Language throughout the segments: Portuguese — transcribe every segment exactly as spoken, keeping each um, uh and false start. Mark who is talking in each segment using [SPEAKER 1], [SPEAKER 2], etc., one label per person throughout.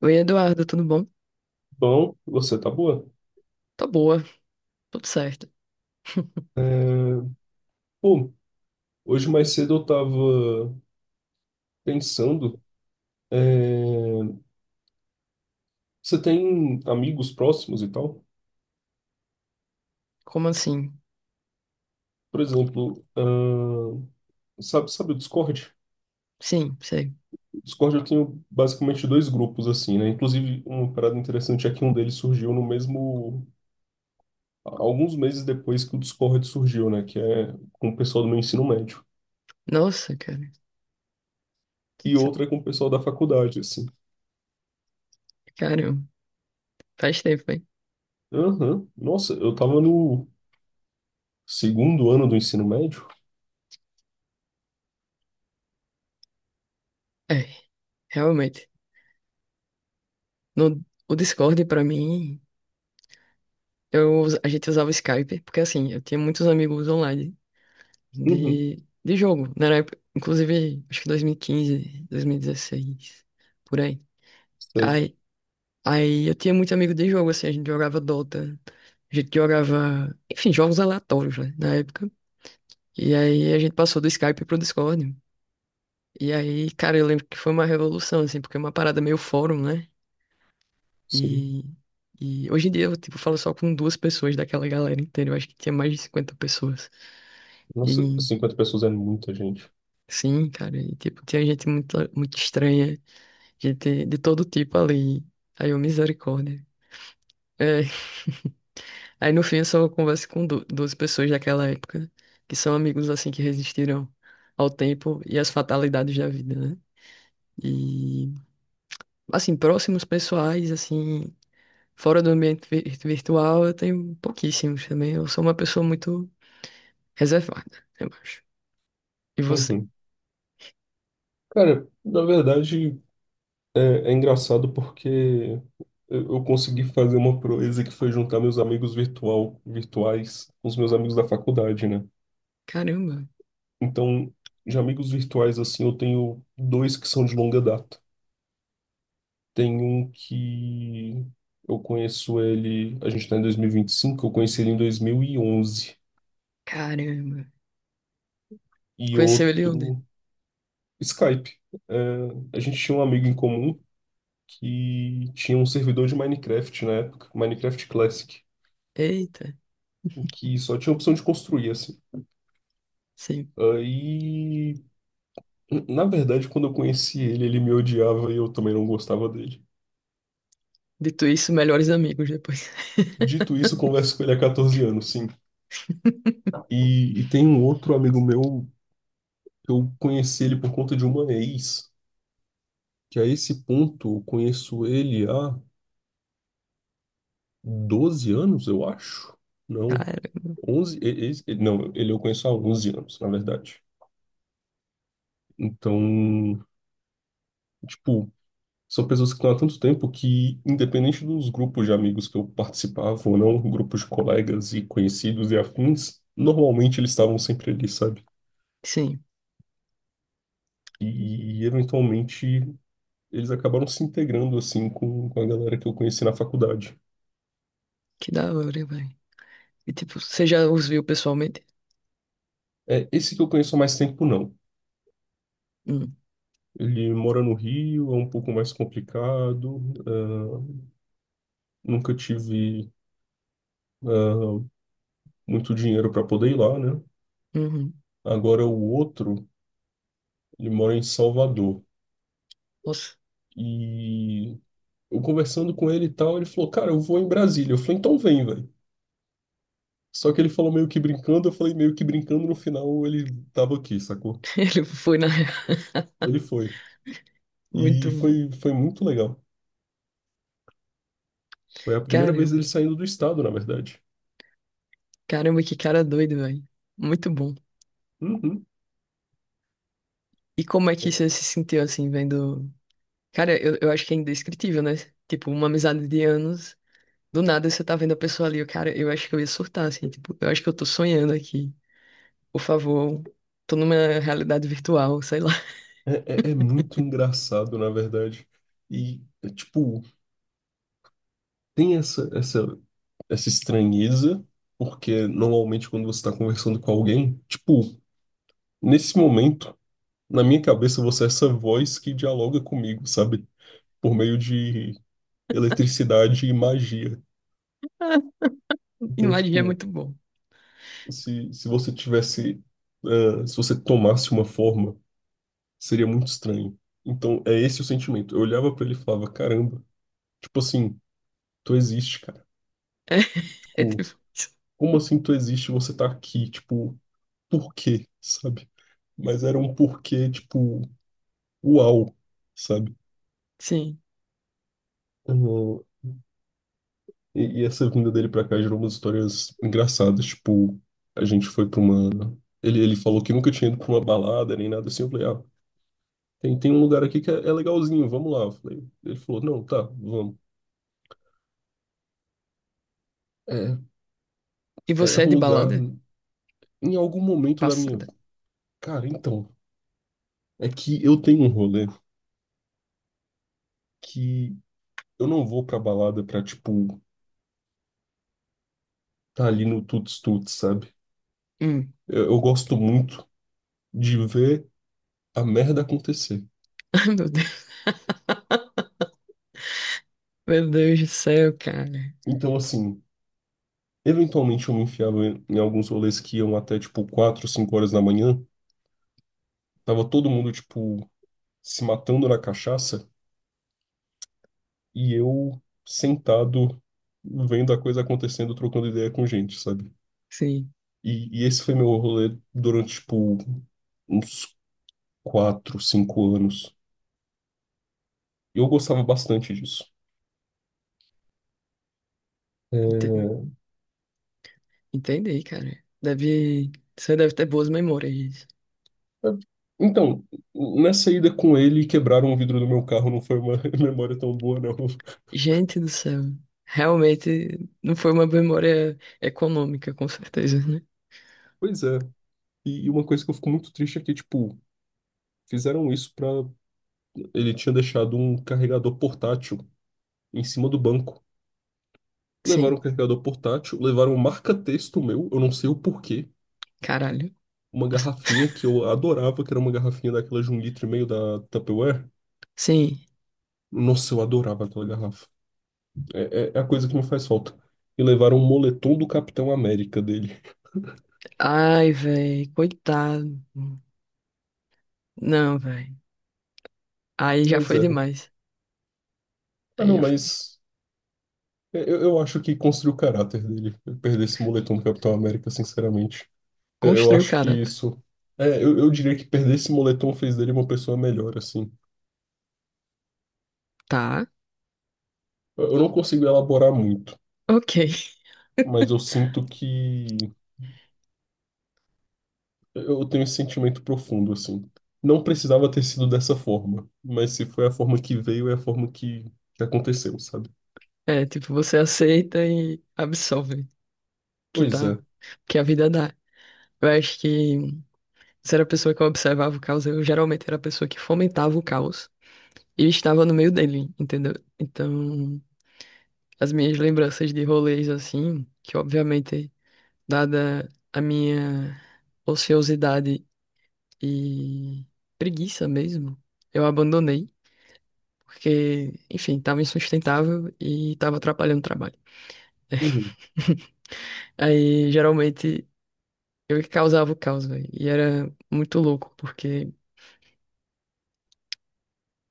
[SPEAKER 1] Oi, Eduardo, tudo bom?
[SPEAKER 2] Bom, você tá boa?
[SPEAKER 1] Tá boa, tudo certo.
[SPEAKER 2] É. Pô, hoje mais cedo eu tava pensando, é, você tem amigos próximos e tal?
[SPEAKER 1] Como assim?
[SPEAKER 2] Por exemplo, ahn, sabe, sabe o Discord?
[SPEAKER 1] Sim, sei.
[SPEAKER 2] O Discord eu tenho basicamente dois grupos assim, né? Inclusive, uma parada interessante é que um deles surgiu no mesmo. Alguns meses depois que o Discord surgiu, né? Que é com o pessoal do meu ensino médio.
[SPEAKER 1] Nossa, cara.
[SPEAKER 2] E
[SPEAKER 1] Cê-
[SPEAKER 2] outra é com o pessoal da faculdade, assim.
[SPEAKER 1] Caramba, faz tempo, hein?
[SPEAKER 2] Aham. Nossa, eu tava no segundo ano do ensino médio?
[SPEAKER 1] É, realmente. No, o Discord, pra mim, eu, us- a gente usava o Skype, porque assim, eu tinha muitos amigos online
[SPEAKER 2] Uhum.
[SPEAKER 1] de, de jogo, né? Na época, inclusive, acho que dois mil e quinze, dois mil e dezesseis, por aí.
[SPEAKER 2] Sei,
[SPEAKER 1] Aí, aí eu tinha muito amigo de jogo, assim, a gente jogava Dota, a gente jogava, enfim, jogos aleatórios, né? Na época. E aí a gente passou do Skype pro Discord. E aí, cara, eu lembro que foi uma revolução, assim, porque é uma parada meio fórum, né?
[SPEAKER 2] sim.
[SPEAKER 1] E, e hoje em dia eu, tipo, falo só com duas pessoas daquela galera inteira. Eu acho que tinha mais de cinquenta pessoas. E
[SPEAKER 2] Nossa, cinquenta pessoas é muita gente.
[SPEAKER 1] sim, cara, e, tipo, tinha gente muito, muito estranha, gente de todo tipo ali. Aí eu, misericórdia. É. Aí no fim eu só converso com du- duas pessoas daquela época, que são amigos assim que resistiram ao tempo e às fatalidades da vida, né? E assim, próximos pessoais, assim, fora do ambiente vi- virtual, eu tenho pouquíssimos também. Eu sou uma pessoa muito reservada, eu acho. E você?
[SPEAKER 2] Uhum. Cara, na verdade, é, é engraçado porque eu, eu consegui fazer uma proeza que foi juntar meus amigos virtual, virtuais com os meus amigos da faculdade, né?
[SPEAKER 1] Caramba,
[SPEAKER 2] Então, de amigos virtuais, assim, eu tenho dois que são de longa data. Tem um que eu conheço ele, a gente tá em dois mil e e vinte e cinco. Eu conheci ele em dois mil E onze
[SPEAKER 1] caramba.
[SPEAKER 2] e
[SPEAKER 1] Conheceu ele onde?
[SPEAKER 2] outro. Skype. É, a gente tinha um amigo em comum que tinha um servidor de Minecraft na época, Minecraft Classic,
[SPEAKER 1] Eita,
[SPEAKER 2] o que só tinha a opção de construir, assim.
[SPEAKER 1] sim.
[SPEAKER 2] Aí, na verdade, quando eu conheci ele, ele me odiava e eu também não gostava dele.
[SPEAKER 1] Dito isso, melhores amigos depois.
[SPEAKER 2] Dito isso, eu converso com ele há quatorze anos, sim. E, e tem um outro amigo meu, eu conheci ele por conta de uma ex. Que a esse ponto eu conheço ele há doze anos, eu acho. Não,
[SPEAKER 1] Cara,
[SPEAKER 2] onze e- e- e- não, ele eu conheço há onze anos, na verdade. Então, tipo, são pessoas que estão há tanto tempo que, independente dos grupos de amigos que eu participava ou não, grupos de colegas e conhecidos e afins, normalmente eles estavam sempre ali, sabe?
[SPEAKER 1] sim,
[SPEAKER 2] E, e, eventualmente eles acabaram se integrando assim com, com a galera que eu conheci na faculdade.
[SPEAKER 1] que da hora, velho. E tipo, você já os viu pessoalmente?
[SPEAKER 2] É, esse que eu conheço há mais tempo, não.
[SPEAKER 1] Hum,
[SPEAKER 2] Ele mora no Rio, é um pouco mais complicado. ah, nunca tive ah, muito dinheiro para poder ir lá, né?
[SPEAKER 1] uhum.
[SPEAKER 2] Agora o outro, ele mora em Salvador.
[SPEAKER 1] Nossa,
[SPEAKER 2] E eu conversando com ele e tal, ele falou: Cara, eu vou em Brasília. Eu falei: Então vem, velho. Só que ele falou meio que brincando, eu falei meio que brincando. No final, ele tava aqui, sacou?
[SPEAKER 1] ele foi na real.
[SPEAKER 2] Ele foi.
[SPEAKER 1] Muito
[SPEAKER 2] E
[SPEAKER 1] bom.
[SPEAKER 2] foi, foi muito legal. Foi a primeira vez
[SPEAKER 1] Caramba,
[SPEAKER 2] dele saindo do estado, na verdade.
[SPEAKER 1] caramba, que cara doido, velho. Muito bom.
[SPEAKER 2] Uhum.
[SPEAKER 1] E como é que você se sentiu assim, vendo? Cara, eu, eu acho que é indescritível, né? Tipo, uma amizade de anos, do nada você tá vendo a pessoa ali, eu, cara, eu acho que eu ia surtar, assim, tipo, eu acho que eu tô sonhando aqui. Por favor, tô numa realidade virtual, sei lá.
[SPEAKER 2] É, é, é muito engraçado, na verdade. E, é, tipo, tem essa, essa, essa estranheza, porque normalmente quando você está conversando com alguém, tipo, nesse momento, na minha cabeça, você é essa voz que dialoga comigo, sabe? Por meio de eletricidade e magia. Então,
[SPEAKER 1] E é
[SPEAKER 2] tipo,
[SPEAKER 1] muito bom.
[SPEAKER 2] se, se você tivesse, ah, se você tomasse uma forma, seria muito estranho. Então, é esse o sentimento. Eu olhava para ele e falava, caramba, tipo assim, tu existe, cara.
[SPEAKER 1] É, é tipo
[SPEAKER 2] Tipo,
[SPEAKER 1] isso.
[SPEAKER 2] como assim tu existe, e você tá aqui, tipo, por quê, sabe? Mas era um porquê, tipo, uau, sabe?
[SPEAKER 1] Sim.
[SPEAKER 2] Uhum. E, e essa vinda dele pra cá gerou umas histórias engraçadas, tipo, a gente foi pra uma. Ele, ele falou que nunca tinha ido pra uma balada nem nada assim, eu falei, ah, tem, tem um lugar aqui que é, é legalzinho, vamos lá. Eu falei, ele falou, não, tá, vamos. É,
[SPEAKER 1] E
[SPEAKER 2] é é
[SPEAKER 1] você é
[SPEAKER 2] um
[SPEAKER 1] de
[SPEAKER 2] lugar,
[SPEAKER 1] balada?
[SPEAKER 2] em algum momento da minha.
[SPEAKER 1] Passada.
[SPEAKER 2] Cara, então, é que eu tenho um rolê que eu não vou pra balada pra, tipo tá ali no tuts-tuts, sabe?
[SPEAKER 1] Hum.
[SPEAKER 2] Eu, eu gosto muito de ver a merda acontecer.
[SPEAKER 1] Ai, meu Deus. Meu Deus do céu, cara.
[SPEAKER 2] Então, assim, eventualmente eu me enfiava em, em alguns rolês que iam até, tipo, quatro, cinco horas da manhã. Tava todo mundo, tipo, se matando na cachaça e eu sentado vendo a coisa acontecendo, trocando ideia com gente, sabe?
[SPEAKER 1] Sim,
[SPEAKER 2] E, e esse foi meu rolê durante, tipo, uns quatro cinco anos. Eu gostava bastante disso.
[SPEAKER 1] entendi.
[SPEAKER 2] É.
[SPEAKER 1] Entendi, cara. Deve. Você deve ter boas memórias.
[SPEAKER 2] Então, nessa ida com ele, quebraram o vidro do meu carro, não foi uma memória tão boa, não.
[SPEAKER 1] Gente do céu. Realmente não foi uma memória econômica, com certeza, né?
[SPEAKER 2] Pois é. E e uma coisa que eu fico muito triste é que, tipo, fizeram isso pra. Ele tinha deixado um carregador portátil em cima do banco. Levaram o
[SPEAKER 1] Sim,
[SPEAKER 2] carregador portátil, levaram um marca-texto meu, eu não sei o porquê.
[SPEAKER 1] caralho.
[SPEAKER 2] Uma garrafinha que eu adorava, que era uma garrafinha daquela de um litro e meio da Tupperware.
[SPEAKER 1] Sim.
[SPEAKER 2] Nossa, eu adorava aquela garrafa. É, é é a coisa que me faz falta. E levaram um moletom do Capitão América dele.
[SPEAKER 1] Ai, velho, coitado. Não, velho. Aí já
[SPEAKER 2] Pois
[SPEAKER 1] foi
[SPEAKER 2] é.
[SPEAKER 1] demais.
[SPEAKER 2] Ah,
[SPEAKER 1] Aí
[SPEAKER 2] não,
[SPEAKER 1] já foi.
[SPEAKER 2] mas eu, eu acho que construiu o caráter dele. Eu perder esse moletom do Capitão América, sinceramente. Eu, eu
[SPEAKER 1] Construiu o
[SPEAKER 2] acho que
[SPEAKER 1] caráter.
[SPEAKER 2] isso. É, eu, eu diria que perder esse moletom fez dele uma pessoa melhor, assim.
[SPEAKER 1] Tá,
[SPEAKER 2] Eu, eu não consigo elaborar muito,
[SPEAKER 1] ok.
[SPEAKER 2] mas eu sinto que. Eu tenho esse sentimento profundo, assim. Não precisava ter sido dessa forma, mas se foi a forma que veio, é a forma que, que aconteceu, sabe?
[SPEAKER 1] É, tipo, você aceita e absorve que
[SPEAKER 2] Pois
[SPEAKER 1] tá,
[SPEAKER 2] é.
[SPEAKER 1] que a vida dá. Eu acho que se era a pessoa que observava o caos, eu geralmente era a pessoa que fomentava o caos e estava no meio dele, entendeu? Então, as minhas lembranças de rolês assim, que obviamente, dada a minha ociosidade e preguiça mesmo, eu abandonei, porque, enfim, tava insustentável e tava atrapalhando o trabalho.
[SPEAKER 2] Uhum.
[SPEAKER 1] Aí, geralmente, eu que causava o caos, velho. E era muito louco, porque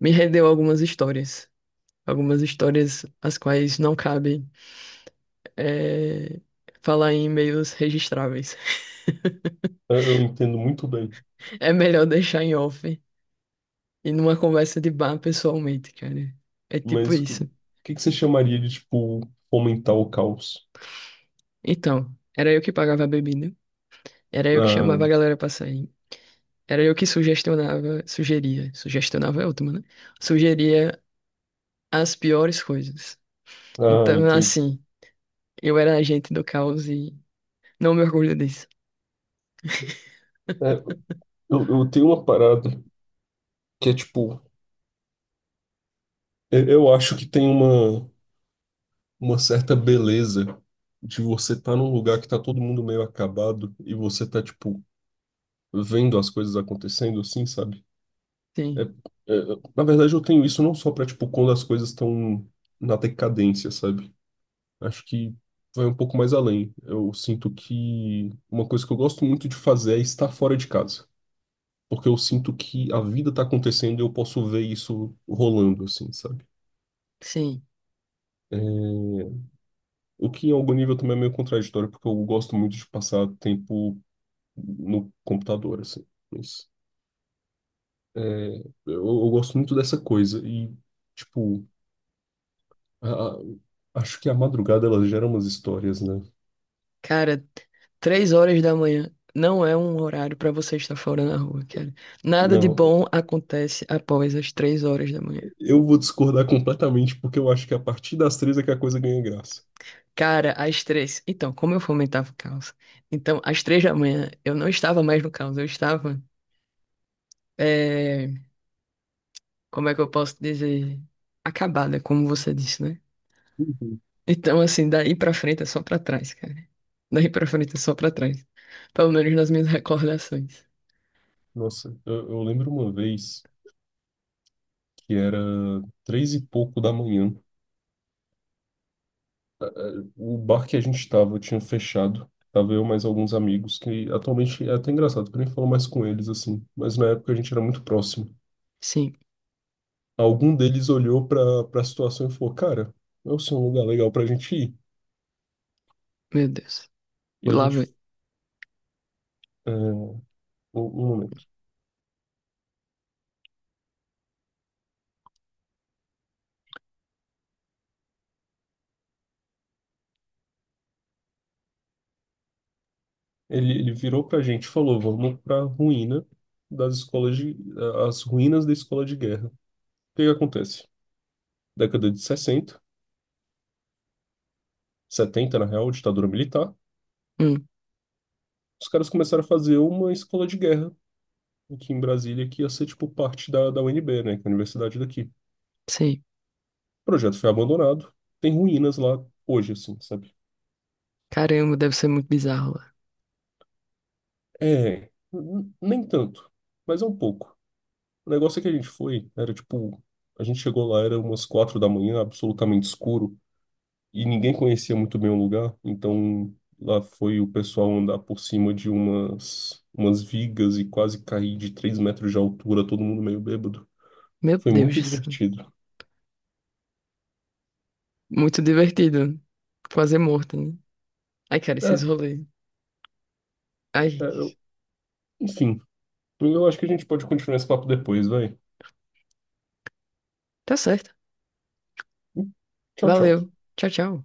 [SPEAKER 1] me rendeu algumas histórias. Algumas histórias as quais não cabe eh, falar em e-mails registráveis.
[SPEAKER 2] Eu eu entendo muito bem,
[SPEAKER 1] É melhor deixar em off. E numa conversa de bar pessoalmente, cara. É tipo
[SPEAKER 2] mas o que, o
[SPEAKER 1] isso.
[SPEAKER 2] que que você chamaria de, tipo, fomentar o caos?
[SPEAKER 1] Então, era eu que pagava a bebida, era eu que
[SPEAKER 2] Ah,
[SPEAKER 1] chamava a galera pra sair, era eu que sugestionava, sugeria, sugestionava é ótimo, né? Sugeria as piores coisas.
[SPEAKER 2] ah,
[SPEAKER 1] Então,
[SPEAKER 2] entendi.
[SPEAKER 1] assim, eu era agente do caos e não me orgulho disso.
[SPEAKER 2] É, eu, eu tenho uma parada que é tipo, eu, eu acho que tem uma, uma certa beleza de você estar num lugar que tá todo mundo meio acabado e você tá, tipo, vendo as coisas acontecendo assim, sabe? É,
[SPEAKER 1] Sim,
[SPEAKER 2] é, na verdade, eu tenho isso não só pra, tipo, quando as coisas estão na decadência, sabe? Acho que vai um pouco mais além. Eu sinto que uma coisa que eu gosto muito de fazer é estar fora de casa, porque eu sinto que a vida tá acontecendo e eu posso ver isso rolando, assim, sabe?
[SPEAKER 1] sim.
[SPEAKER 2] É. O que em algum nível também é meio contraditório, porque eu gosto muito de passar tempo no computador, assim. Mas, é, eu, eu gosto muito dessa coisa e, tipo, a- a- acho que a madrugada ela gera umas histórias, né?
[SPEAKER 1] Cara, três horas da manhã não é um horário pra você estar fora na rua, cara. Nada de
[SPEAKER 2] Não,
[SPEAKER 1] bom acontece após as três horas da manhã.
[SPEAKER 2] eu vou discordar completamente, porque eu acho que a partir das três é que a coisa ganha graça.
[SPEAKER 1] Cara, às três. Então, como eu fomentava o caos? Então, às três da manhã eu não estava mais no caos, eu estava. eh, Como é que eu posso dizer? Acabada, como você disse, né?
[SPEAKER 2] Uhum.
[SPEAKER 1] Então, assim, daí pra frente é só pra trás, cara. Daí pra frente é só pra trás. Pelo menos nas minhas recordações.
[SPEAKER 2] Nossa, eu, eu lembro uma vez que era três e pouco da manhã. O bar que a gente estava tinha fechado. Tava eu mais alguns amigos, que atualmente é até engraçado, porque eu nem falo mais com eles assim. Mas na época a gente era muito próximo.
[SPEAKER 1] Sim,
[SPEAKER 2] Algum deles olhou para para a situação e falou: Cara, esse é um lugar legal pra gente ir.
[SPEAKER 1] meu Deus.
[SPEAKER 2] E a
[SPEAKER 1] Lá
[SPEAKER 2] gente.
[SPEAKER 1] vai.
[SPEAKER 2] é, um, um momento. Ele, ele virou pra gente e falou: Vamos pra ruína das escolas de. As ruínas da escola de guerra. O que que acontece? Década de sessenta, setenta na real, ditadura militar.
[SPEAKER 1] Hum,
[SPEAKER 2] Os caras começaram a fazer uma escola de guerra aqui em Brasília, que ia ser, tipo, parte da, da U N B, né, que é a universidade daqui. O
[SPEAKER 1] sim.
[SPEAKER 2] projeto foi abandonado, tem ruínas lá hoje, assim, sabe?
[SPEAKER 1] Caramba, deve ser muito bizarro lá.
[SPEAKER 2] É, n- nem tanto, mas é um pouco. O negócio é que a gente foi, era tipo, a gente chegou lá, era umas quatro da manhã, absolutamente escuro, e ninguém conhecia muito bem o lugar, então lá foi o pessoal andar por cima de umas, umas vigas e quase cair de três metros de altura, todo mundo meio bêbado.
[SPEAKER 1] Meu
[SPEAKER 2] Foi
[SPEAKER 1] Deus
[SPEAKER 2] muito
[SPEAKER 1] do céu.
[SPEAKER 2] divertido.
[SPEAKER 1] Muito divertido. Fazer morto, né? Ai, cara,
[SPEAKER 2] É,
[SPEAKER 1] esses rolês.
[SPEAKER 2] é,
[SPEAKER 1] Ai,
[SPEAKER 2] eu- enfim. Eu acho que a gente pode continuar esse papo depois, vai.
[SPEAKER 1] tá certo.
[SPEAKER 2] Tchau, tchau.
[SPEAKER 1] Valeu. Tchau, tchau.